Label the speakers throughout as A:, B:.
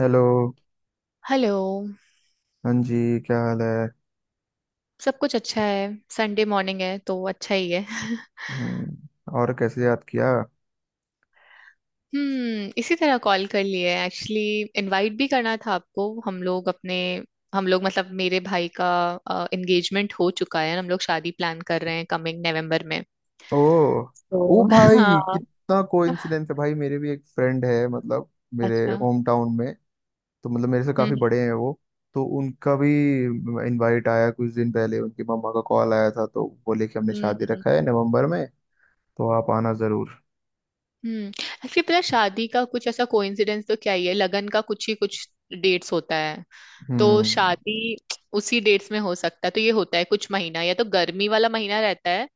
A: Hello.
B: Hello.
A: हाँ जी, क्या हाल है।
B: सब कुछ अच्छा है। संडे मॉर्निंग है तो अच्छा ही है।
A: हम्म। और कैसे याद किया।
B: हम्म। इसी तरह कॉल कर लिए एक्चुअली। इनवाइट भी करना था आपको। हम लोग मतलब मेरे भाई का एंगेजमेंट हो चुका है। हम लोग शादी प्लान कर रहे हैं कमिंग नवंबर में।
A: ओ। ओ
B: तो
A: भाई,
B: हाँ।
A: कितना कोइंसिडेंस है। भाई, मेरे भी एक फ्रेंड है, मतलब मेरे
B: अच्छा।
A: होम टाउन में। तो मतलब मेरे से काफी
B: हम्म।
A: बड़े हैं वो। तो उनका भी इनवाइट आया कुछ दिन पहले। उनकी मम्मा का कॉल आया था तो बोले कि हमने शादी
B: हम्म।
A: रखा है नवंबर में, तो आप आना जरूर।
B: हम्म, एक्चुअली पता है, शादी का कुछ ऐसा कोइंसिडेंस तो क्या ही है। लगन का कुछ डेट्स होता है तो
A: हम्म,
B: शादी उसी डेट्स में हो सकता है। तो ये होता है कुछ महीना, या तो गर्मी वाला महीना रहता है,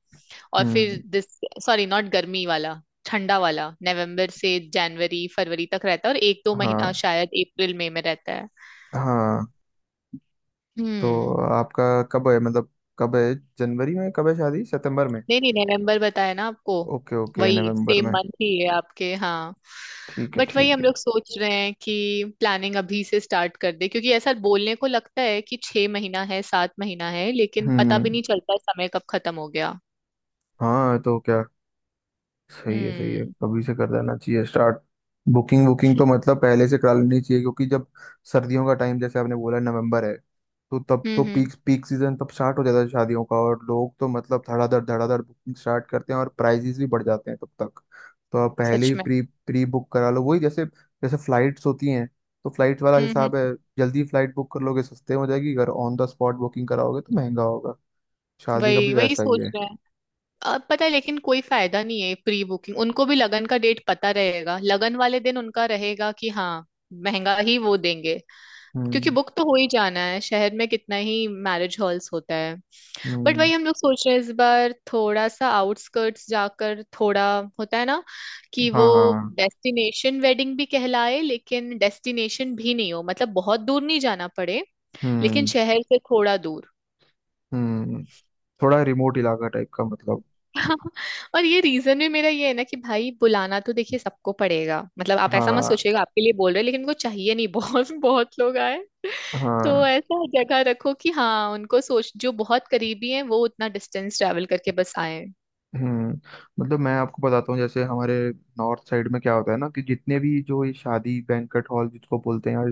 B: और फिर
A: हम्म।
B: दिस सॉरी नॉट गर्मी वाला, ठंडा वाला, नवंबर से जनवरी फरवरी तक रहता है, और एक दो महीना
A: हाँ,
B: शायद अप्रैल मई में रहता है।
A: हाँ। तो
B: हम्म।
A: आपका कब है, मतलब कब है? जनवरी में कब है शादी, सितंबर में?
B: नहीं नहीं, नवंबर बताया ना आपको।
A: Okay, okay.
B: वही
A: नवंबर
B: सेम
A: में।
B: मंथ ही है आपके, हाँ।
A: ठीक है,
B: बट वही
A: ठीक
B: हम
A: है।
B: लोग सोच रहे हैं कि प्लानिंग अभी से स्टार्ट कर दे, क्योंकि ऐसा बोलने को लगता है कि 6 महीना है, 7 महीना है, लेकिन पता भी
A: हम्म।
B: नहीं चलता है समय कब खत्म हो गया।
A: हाँ तो क्या? सही है, सही है।
B: हम्म।
A: कभी से कर देना चाहिए स्टार्ट। बुकिंग बुकिंग तो मतलब पहले से करा लेनी चाहिए, क्योंकि जब सर्दियों का टाइम, जैसे आपने बोला, नवंबर है। तो तब
B: हम्म।
A: तो पीक पीक सीजन तब स्टार्ट हो जाता है शादियों का। और लोग तो मतलब धड़ाधड़ धड़ाधड़ बुकिंग स्टार्ट करते हैं और प्राइजेस भी बढ़ जाते हैं तब तक। तो आप पहले
B: सच
A: ही
B: में।
A: प्री प्री बुक करा लो, वही जैसे जैसे फ्लाइट्स होती हैं। तो फ्लाइट वाला
B: हम्म।
A: हिसाब है।
B: हम्म,
A: जल्दी फ्लाइट बुक कर लोगे, सस्ते हो जाएगी। अगर ऑन द स्पॉट बुकिंग कराओगे तो महंगा होगा। शादी का भी
B: वही वही
A: वैसा ही
B: सोच
A: है।
B: रहे हैं। अब पता है, लेकिन कोई फायदा नहीं है प्री बुकिंग। उनको भी लगन का डेट पता रहेगा। लगन वाले दिन उनका रहेगा कि हाँ, महंगा ही वो देंगे, क्योंकि
A: हम्म,
B: बुक तो हो ही जाना है। शहर में कितना ही मैरिज हॉल्स होता है। बट वही
A: हम्म।
B: हम लोग सोच रहे हैं इस बार थोड़ा सा आउटस्कर्ट्स जाकर, थोड़ा होता है ना, कि वो
A: हाँ, हाँ।
B: डेस्टिनेशन वेडिंग भी कहलाए, लेकिन डेस्टिनेशन भी नहीं हो, मतलब बहुत दूर नहीं जाना पड़े, लेकिन
A: हम्म,
B: शहर से थोड़ा दूर।
A: हम्म। थोड़ा रिमोट इलाका टाइप का, मतलब।
B: और ये रीजन भी मेरा ये है ना कि भाई, बुलाना तो देखिए सबको पड़ेगा, मतलब आप ऐसा मत
A: हाँ,
B: सोचिएगा आपके लिए बोल रहे हैं, लेकिन उनको चाहिए नहीं बहुत बहुत लोग आए। तो
A: हाँ।
B: ऐसा जगह रखो कि हाँ, उनको सोच, जो बहुत करीबी हैं वो उतना डिस्टेंस ट्रैवल करके बस आए।
A: हम्म। मतलब मैं आपको बताता हूँ, जैसे हमारे नॉर्थ साइड में क्या होता है ना, कि जितने भी जो ये शादी बैंक्वेट हॉल जिसको बोलते हैं,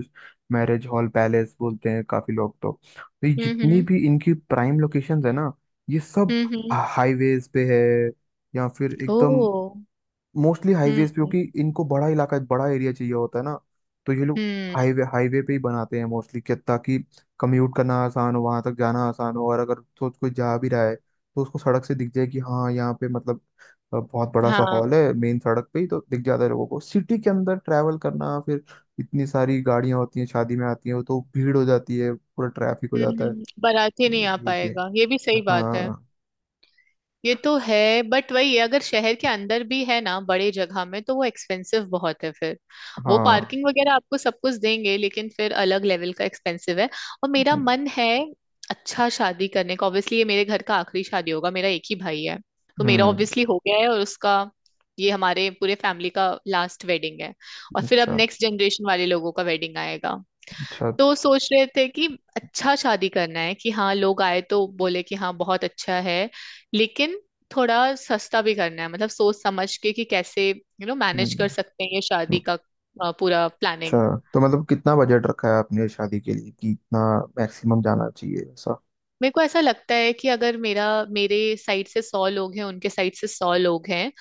A: मैरिज हॉल पैलेस बोलते हैं काफी लोग तो। तो ये
B: हम्म।
A: जितनी
B: हम्म।
A: भी इनकी प्राइम लोकेशंस है ना, ये सब
B: हम्म। हम्म।
A: हाईवेज पे है। या फिर
B: ओ।
A: एकदम, मोस्टली हाईवेज पे,
B: हम्म।
A: क्योंकि इनको बड़ा इलाका, बड़ा एरिया चाहिए होता है ना। तो ये लोग
B: हम्म।
A: हाईवे हाईवे पे ही बनाते हैं मोस्टली, कि ताकि कम्यूट करना आसान हो, वहां तक जाना आसान हो। और अगर तो कोई जा भी रहा है तो उसको सड़क से दिख जाए कि हाँ, यहाँ पे मतलब बहुत बड़ा सा
B: हाँ।
A: हॉल है, मेन सड़क पे ही तो दिख जाता है। लोगों को सिटी के अंदर ट्रैवल करना, फिर इतनी सारी गाड़ियां होती हैं शादी में आती हैं, तो भीड़ हो जाती है, पूरा ट्रैफिक हो
B: हम्म।
A: जाता है।
B: बाराती नहीं आ
A: वो भी,
B: पाएगा, ये भी सही बात है।
A: हाँ।
B: ये तो है, बट वही है, अगर शहर के अंदर भी है ना बड़े जगह में तो वो एक्सपेंसिव बहुत है फिर। वो
A: हाँ।
B: पार्किंग वगैरह आपको सब कुछ देंगे, लेकिन फिर अलग लेवल का एक्सपेंसिव है। और मेरा
A: हम्म,
B: मन है अच्छा शादी करने का। ऑब्वियसली ये मेरे घर का आखिरी शादी होगा। मेरा एक ही भाई है, तो मेरा
A: हम्म,
B: ऑब्वियसली हो गया है, और उसका ये हमारे पूरे फैमिली का लास्ट वेडिंग है। और फिर अब
A: अच्छा,
B: नेक्स्ट जनरेशन वाले लोगों का वेडिंग आएगा।
A: अच्छा।
B: तो सोच रहे थे कि अच्छा शादी करना है कि हाँ, लोग आए तो बोले कि हाँ बहुत अच्छा है, लेकिन थोड़ा सस्ता भी करना है, मतलब सोच समझ के कि कैसे यू नो मैनेज कर
A: हम्म।
B: सकते हैं ये शादी का पूरा
A: अच्छा।
B: प्लानिंग।
A: तो मतलब कितना बजट रखा है आपने शादी के लिए, कि इतना मैक्सिमम जाना चाहिए, ऐसा?
B: मेरे को ऐसा लगता है कि अगर मेरा मेरे साइड से 100 लोग हैं, उनके साइड से 100 लोग हैं,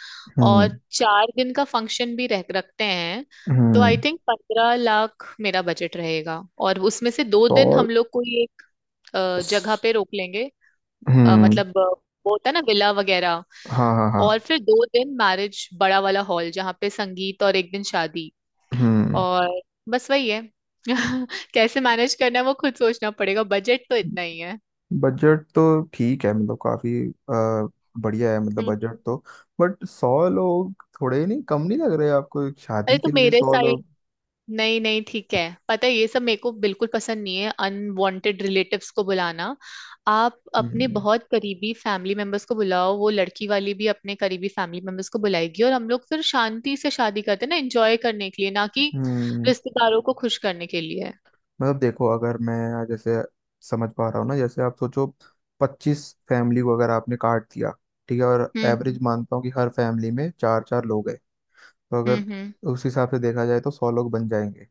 B: और
A: हम्म,
B: 4 दिन का फंक्शन भी रख रखते हैं, तो
A: हम्म।
B: आई थिंक 15 लाख मेरा बजट रहेगा। और उसमें से दो
A: तो
B: दिन हम लोग कोई एक जगह पे
A: स-
B: रोक लेंगे। अ,
A: हम्म।
B: मतलब अ, वो होता है ना विला वगैरह।
A: हाँ, हाँ,
B: और
A: हाँ।
B: फिर 2 दिन मैरिज बड़ा वाला हॉल जहाँ पे संगीत, और एक दिन शादी,
A: हम्म।
B: और बस वही है। कैसे मैनेज करना है वो खुद सोचना पड़ेगा, बजट तो इतना ही है।
A: बजट तो ठीक है, मतलब काफी अ, बढ़िया है, मतलब
B: हम्म।
A: बजट तो। बट 100 लोग थोड़े नहीं, कम नहीं लग रहे आपको एक
B: अरे
A: शादी
B: तो
A: के लिए
B: मेरे
A: 100
B: साइड,
A: लोग?
B: नहीं नहीं ठीक है। पता है, ये सब मेरे को बिल्कुल पसंद नहीं है, अनवांटेड रिलेटिव्स को बुलाना। आप अपने
A: हम्म,
B: बहुत करीबी फैमिली मेंबर्स को बुलाओ, वो लड़की वाली भी अपने करीबी फैमिली मेंबर्स को बुलाएगी, और हम लोग फिर शांति से शादी करते हैं ना, एंजॉय करने के लिए, ना कि
A: हम्म।
B: रिश्तेदारों को खुश करने के लिए।
A: मतलब देखो, अगर मैं जैसे समझ पा रहा हूँ ना, जैसे आप सोचो 25 फैमिली को, अगर आपने काट दिया, ठीक है, और
B: हम्म।
A: एवरेज
B: हम्म।
A: मानता हूँ कि हर फैमिली में चार चार लोग हैं। तो अगर
B: हम्म।
A: उस हिसाब से देखा जाए तो 100 लोग बन जाएंगे,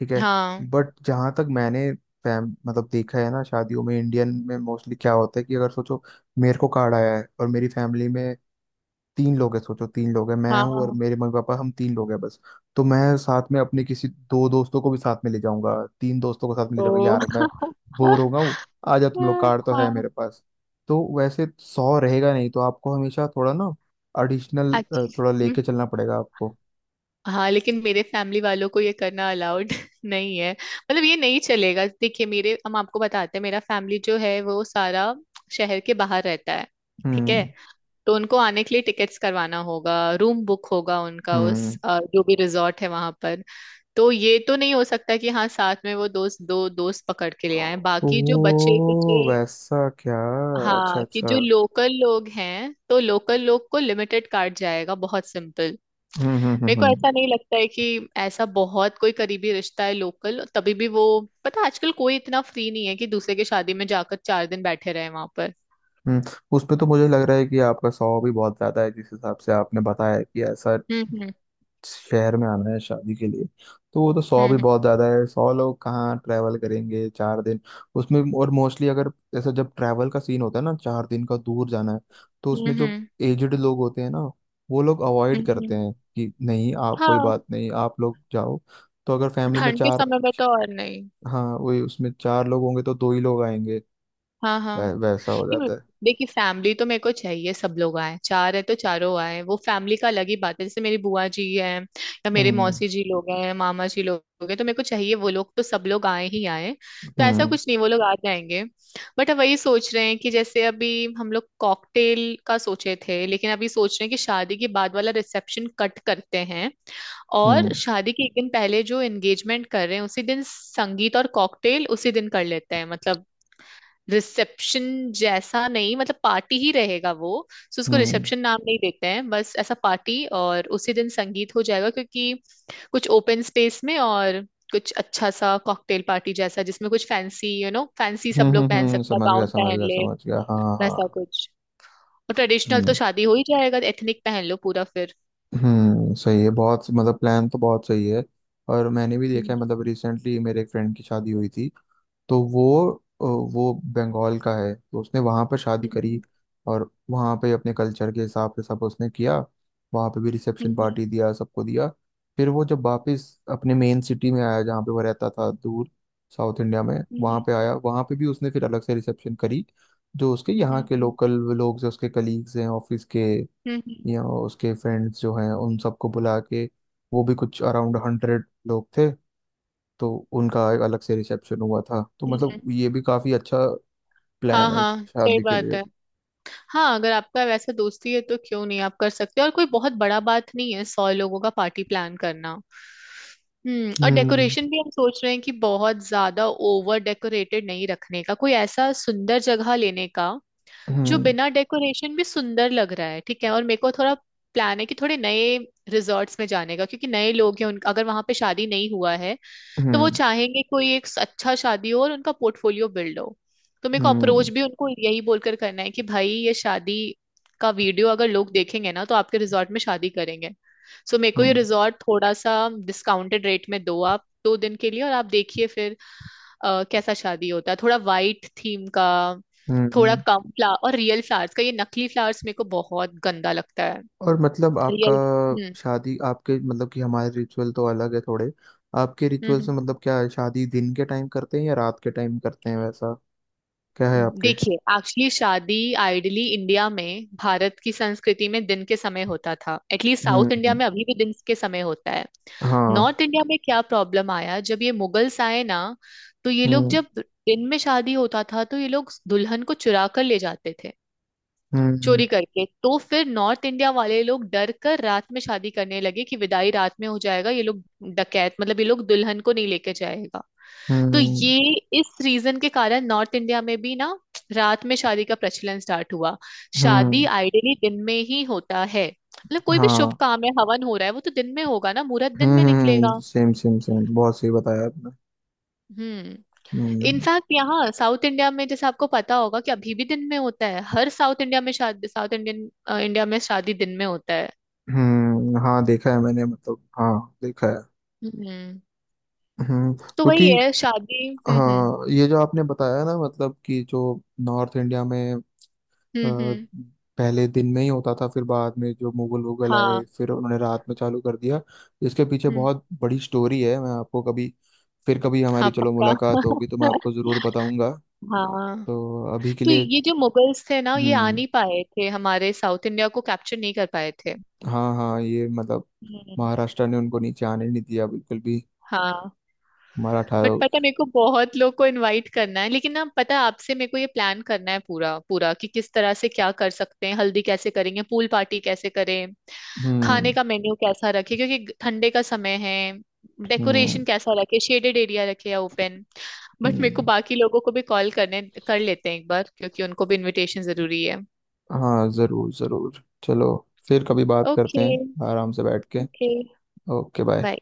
A: ठीक है।
B: हाँ
A: बट जहाँ तक मैंने फैम मतलब देखा है ना शादियों में, इंडियन में मोस्टली क्या होता है कि अगर सोचो मेरे को कार्ड आया है और मेरी फैमिली में तीन लोग हैं, सोचो तीन लोग हैं, मैं
B: हाँ
A: हूँ और
B: हाँ।
A: मेरे मम्मी पापा, हम तीन लोग हैं बस। तो मैं साथ में अपने किसी दो दोस्तों को भी साथ में ले जाऊंगा, तीन दोस्तों को साथ में ले जाऊंगा।
B: तो
A: यार, मैं बोर हो गया हूँ, आ जाओ तुम लोग, कार तो है
B: हाँ।
A: मेरे पास। तो वैसे 100 रहेगा नहीं, तो आपको हमेशा थोड़ा ना एडिशनल,
B: अच्छा।
A: थोड़ा
B: हम्म।
A: लेके चलना पड़ेगा आपको।
B: हाँ लेकिन मेरे फैमिली वालों को ये करना अलाउड नहीं है, मतलब ये नहीं चलेगा। देखिए, मेरे हम आपको बताते हैं, मेरा फैमिली जो है वो सारा शहर के बाहर रहता है, ठीक
A: हम्म,
B: है। तो उनको आने के लिए टिकट्स करवाना होगा, रूम बुक होगा उनका उस
A: हम्म।
B: जो भी रिजॉर्ट है वहां पर। तो ये तो नहीं हो सकता कि हाँ साथ में वो दोस्त दो दोस्त पकड़ के ले आए
A: ओ
B: बाकी जो बचे कुचे।
A: वैसा क्या? अच्छा,
B: हाँ, कि जो
A: अच्छा।
B: लोकल लोग हैं, तो लोकल लोग को लिमिटेड कार्ड जाएगा, बहुत सिंपल।
A: हम्म, हम्म,
B: मेरे
A: हम्म,
B: को
A: हम्म।
B: ऐसा नहीं लगता है कि ऐसा बहुत कोई करीबी रिश्ता है लोकल, तभी भी वो, पता है, आजकल कोई इतना फ्री नहीं है कि दूसरे की शादी में जाकर 4 दिन बैठे रहे वहां पर।
A: हम्म। उस पे तो मुझे लग रहा है कि आपका 100 भी बहुत ज्यादा है, जिस हिसाब से आपने बताया कि ऐसा
B: हम्म। हम्म।
A: शहर में आना है शादी के लिए, तो वो तो 100 भी
B: हम्म।
A: बहुत ज्यादा है। 100 लोग कहाँ ट्रैवल करेंगे 4 दिन? उसमें। और मोस्टली अगर ऐसा जब ट्रैवल का सीन होता है ना, 4 दिन का दूर जाना है। तो
B: हम्म।
A: उसमें जो
B: हम्म।
A: एजड लोग होते हैं ना, वो लोग
B: हम्म,
A: अवॉइड करते
B: हम्म।
A: हैं कि नहीं, आप कोई
B: हाँ।
A: बात नहीं, आप लोग जाओ। तो अगर फैमिली में
B: ठंड के
A: चार,
B: समय में तो और नहीं।
A: हाँ वही, उसमें चार लोग होंगे तो दो ही लोग आएंगे।
B: हाँ हाँ।
A: वैसा हो
B: क्यों?
A: जाता है।
B: देखिए, फैमिली तो मेरे को चाहिए सब लोग आए, चार है तो चारों आए, वो फैमिली का अलग ही बात है। जैसे मेरी बुआ जी है, या मेरे
A: हम्म,
B: मौसी जी लोग हैं, मामा जी लोग हैं, तो मेरे को चाहिए वो लोग तो सब लोग आए ही आए। तो ऐसा
A: हम्म,
B: कुछ नहीं, वो लोग आ जाएंगे। बट अब वही सोच रहे हैं कि जैसे अभी हम लोग कॉकटेल का सोचे थे, लेकिन अभी सोच रहे हैं कि शादी के बाद वाला रिसेप्शन कट करते हैं,
A: हम्म,
B: और शादी के एक दिन पहले जो एंगेजमेंट कर रहे हैं उसी दिन संगीत और कॉकटेल उसी दिन कर लेते हैं, मतलब रिसेप्शन जैसा नहीं, मतलब पार्टी ही रहेगा वो। सो उसको
A: हम्म,
B: रिसेप्शन नाम नहीं देते हैं, बस ऐसा पार्टी, और उसी दिन संगीत हो जाएगा, क्योंकि कुछ ओपन स्पेस में, और कुछ अच्छा सा कॉकटेल पार्टी जैसा, जिसमें कुछ फैंसी, यू नो फैंसी
A: हम्म,
B: सब लोग
A: हम्म,
B: पहन
A: हम्म।
B: सकता है,
A: समझ गया,
B: गाउन
A: समझ
B: पहन
A: गया,
B: ले,
A: समझ गया। हाँ, हाँ,
B: वैसा
A: हाँ।
B: कुछ। और ट्रेडिशनल तो
A: हम्म,
B: शादी हो ही जाएगा एथनिक पहन लो पूरा फिर।
A: हम्म। सही है बहुत, मतलब प्लान तो बहुत सही है। और मैंने भी देखा
B: हम्म।
A: है, मतलब रिसेंटली मेरे एक फ्रेंड की शादी हुई थी। तो अ, वो बंगाल का है, तो उसने वहाँ पर शादी करी।
B: हम्म।
A: और वहाँ पे अपने कल्चर के हिसाब से सब उसने किया, वहाँ पे भी रिसेप्शन
B: हम्म।
A: पार्टी दिया, सबको दिया। फिर वो जब वापस अपने मेन सिटी में आया, जहाँ पे वो रहता था, दूर साउथ इंडिया में,
B: हम्म।
A: वहाँ
B: हम्म।
A: पे आया, वहाँ पे भी उसने फिर अलग से रिसेप्शन करी। जो उसके यहाँ के
B: हम्म।
A: लोकल लोग हैं, उसके कलीग्स हैं ऑफिस के,
B: हम्म। हम्म।
A: या उसके फ्रेंड्स जो हैं, उन सबको बुला के। वो भी कुछ अराउंड 100 लोग थे। तो उनका एक अलग से रिसेप्शन हुआ था। तो
B: हम्म।
A: मतलब
B: हम्म।
A: ये भी काफी अच्छा
B: हाँ
A: प्लान है
B: हाँ सही
A: शादी के
B: बात
A: लिए।
B: है। हाँ अगर आपका वैसा दोस्ती है तो क्यों नहीं आप कर सकते हो। और कोई बहुत बड़ा बात नहीं है 100 लोगों का पार्टी प्लान करना। हम्म। और
A: हम्म,
B: डेकोरेशन भी हम सोच रहे हैं कि बहुत ज्यादा ओवर डेकोरेटेड नहीं रखने का, कोई ऐसा सुंदर जगह लेने का जो
A: हम्म,
B: बिना डेकोरेशन भी सुंदर लग रहा है, ठीक है। और मेरे को थोड़ा प्लान है कि थोड़े नए रिजॉर्ट्स में जाने का, क्योंकि नए लोग हैं उन, अगर वहां पे शादी नहीं हुआ है तो वो
A: हम्म,
B: चाहेंगे कोई एक अच्छा शादी हो और उनका पोर्टफोलियो बिल्ड हो। तो मेरे को अप्रोच
A: हम्म,
B: भी उनको यही बोलकर करना है कि भाई, ये शादी का वीडियो अगर लोग देखेंगे ना तो आपके रिजॉर्ट में शादी करेंगे। सो मेरे को ये
A: हम्म,
B: रिजॉर्ट थोड़ा सा डिस्काउंटेड रेट में दो आप, 2 दिन के लिए, और आप देखिए फिर कैसा शादी होता है। थोड़ा वाइट थीम का, थोड़ा
A: हम्म।
B: कम फ्लावर, और रियल फ्लावर्स का। ये नकली फ्लावर्स मेरे को बहुत गंदा लगता है।
A: और मतलब आपका
B: रियल। हम्म।
A: शादी, आपके मतलब कि हमारे रिचुअल तो अलग है थोड़े आपके
B: हम्म।
A: रिचुअल से,
B: हम्म।
A: मतलब क्या है, शादी दिन के टाइम करते हैं या रात के टाइम करते हैं, वैसा क्या है आपके?
B: देखिए एक्चुअली शादी आइडली इंडिया में, भारत की संस्कृति में दिन के समय होता था। एटलीस्ट साउथ इंडिया
A: हम्म।
B: में अभी भी दिन के समय होता है।
A: हाँ।
B: नॉर्थ इंडिया में क्या प्रॉब्लम आया जब ये मुगल्स आए ना, तो ये लोग,
A: हम्म,
B: जब दिन में शादी होता था तो ये लोग दुल्हन को चुरा कर ले जाते थे
A: हम्म,
B: चोरी करके। तो फिर नॉर्थ इंडिया वाले लोग डर कर रात में शादी करने लगे कि विदाई रात में हो जाएगा, ये लोग डकैत, मतलब ये लोग दुल्हन को नहीं लेके जाएगा। तो
A: हम्म,
B: ये इस रीजन के कारण नॉर्थ इंडिया में भी ना रात में शादी का प्रचलन स्टार्ट हुआ। शादी
A: हम्म।
B: आइडियली दिन में ही होता है, मतलब कोई भी शुभ
A: हाँ।
B: काम है, हवन हो रहा है वो तो दिन में होगा ना, मुहूर्त दिन
A: हम्म,
B: में निकलेगा।
A: हम्म। सेम सेम सेम, बहुत सही बताया आपने।
B: हम्म।
A: हम्म।
B: इनफैक्ट यहाँ साउथ इंडिया में, जैसे आपको पता होगा कि अभी भी दिन में होता है, हर साउथ इंडिया में शादी, साउथ इंडियन इंडिया में शादी दिन में होता है।
A: हम्म, हाँ, देखा है मैंने, मतलब हाँ, देखा है।
B: हम्म।
A: हम्म,
B: तो
A: क्योंकि।
B: वही है शादी। हम्म। हम्म।
A: हाँ, ये जो आपने बताया ना, मतलब कि जो नॉर्थ इंडिया में अ,
B: हम्म। हम्म।
A: पहले दिन में ही होता था, फिर बाद में जो मुगल वुगल आए,
B: हाँ।
A: फिर उन्होंने रात में चालू कर दिया। इसके पीछे
B: हम्म।
A: बहुत बड़ी स्टोरी है। मैं आपको कभी, फिर कभी
B: हाँ
A: हमारी चलो
B: पक्का।
A: मुलाकात होगी तो मैं आपको जरूर बताऊंगा।
B: हाँ।
A: तो अभी के
B: तो
A: लिए।
B: ये जो मुगल्स थे ना, ये आ
A: हम्म।
B: नहीं पाए थे, हमारे साउथ इंडिया को कैप्चर नहीं कर पाए थे।
A: हाँ, हाँ ये मतलब
B: हम्म।
A: महाराष्ट्र ने उनको नीचे आने नहीं दिया बिल्कुल भी,
B: हाँ।
A: मराठा
B: बट
A: लोग।
B: पता है, मेरे को बहुत लोग को इनवाइट करना है, लेकिन ना, पता है, आपसे मेरे को ये प्लान करना है पूरा पूरा, कि किस तरह से क्या कर सकते हैं, हल्दी कैसे करेंगे, पूल पार्टी कैसे करें,
A: हम्म,
B: खाने का मेन्यू कैसा रखे क्योंकि ठंडे का समय है,
A: हम्म,
B: डेकोरेशन कैसा रखे, शेडेड एरिया रखे या ओपन। बट मेरे को
A: हम्म।
B: बाकी लोगों को भी कॉल करने, कर लेते हैं एक बार क्योंकि उनको भी इनविटेशन जरूरी है।
A: हाँ, जरूर, जरूर। चलो, फिर कभी बात करते
B: ओके।
A: हैं आराम से बैठ के।
B: Okay
A: okay. बाय।
B: बाय।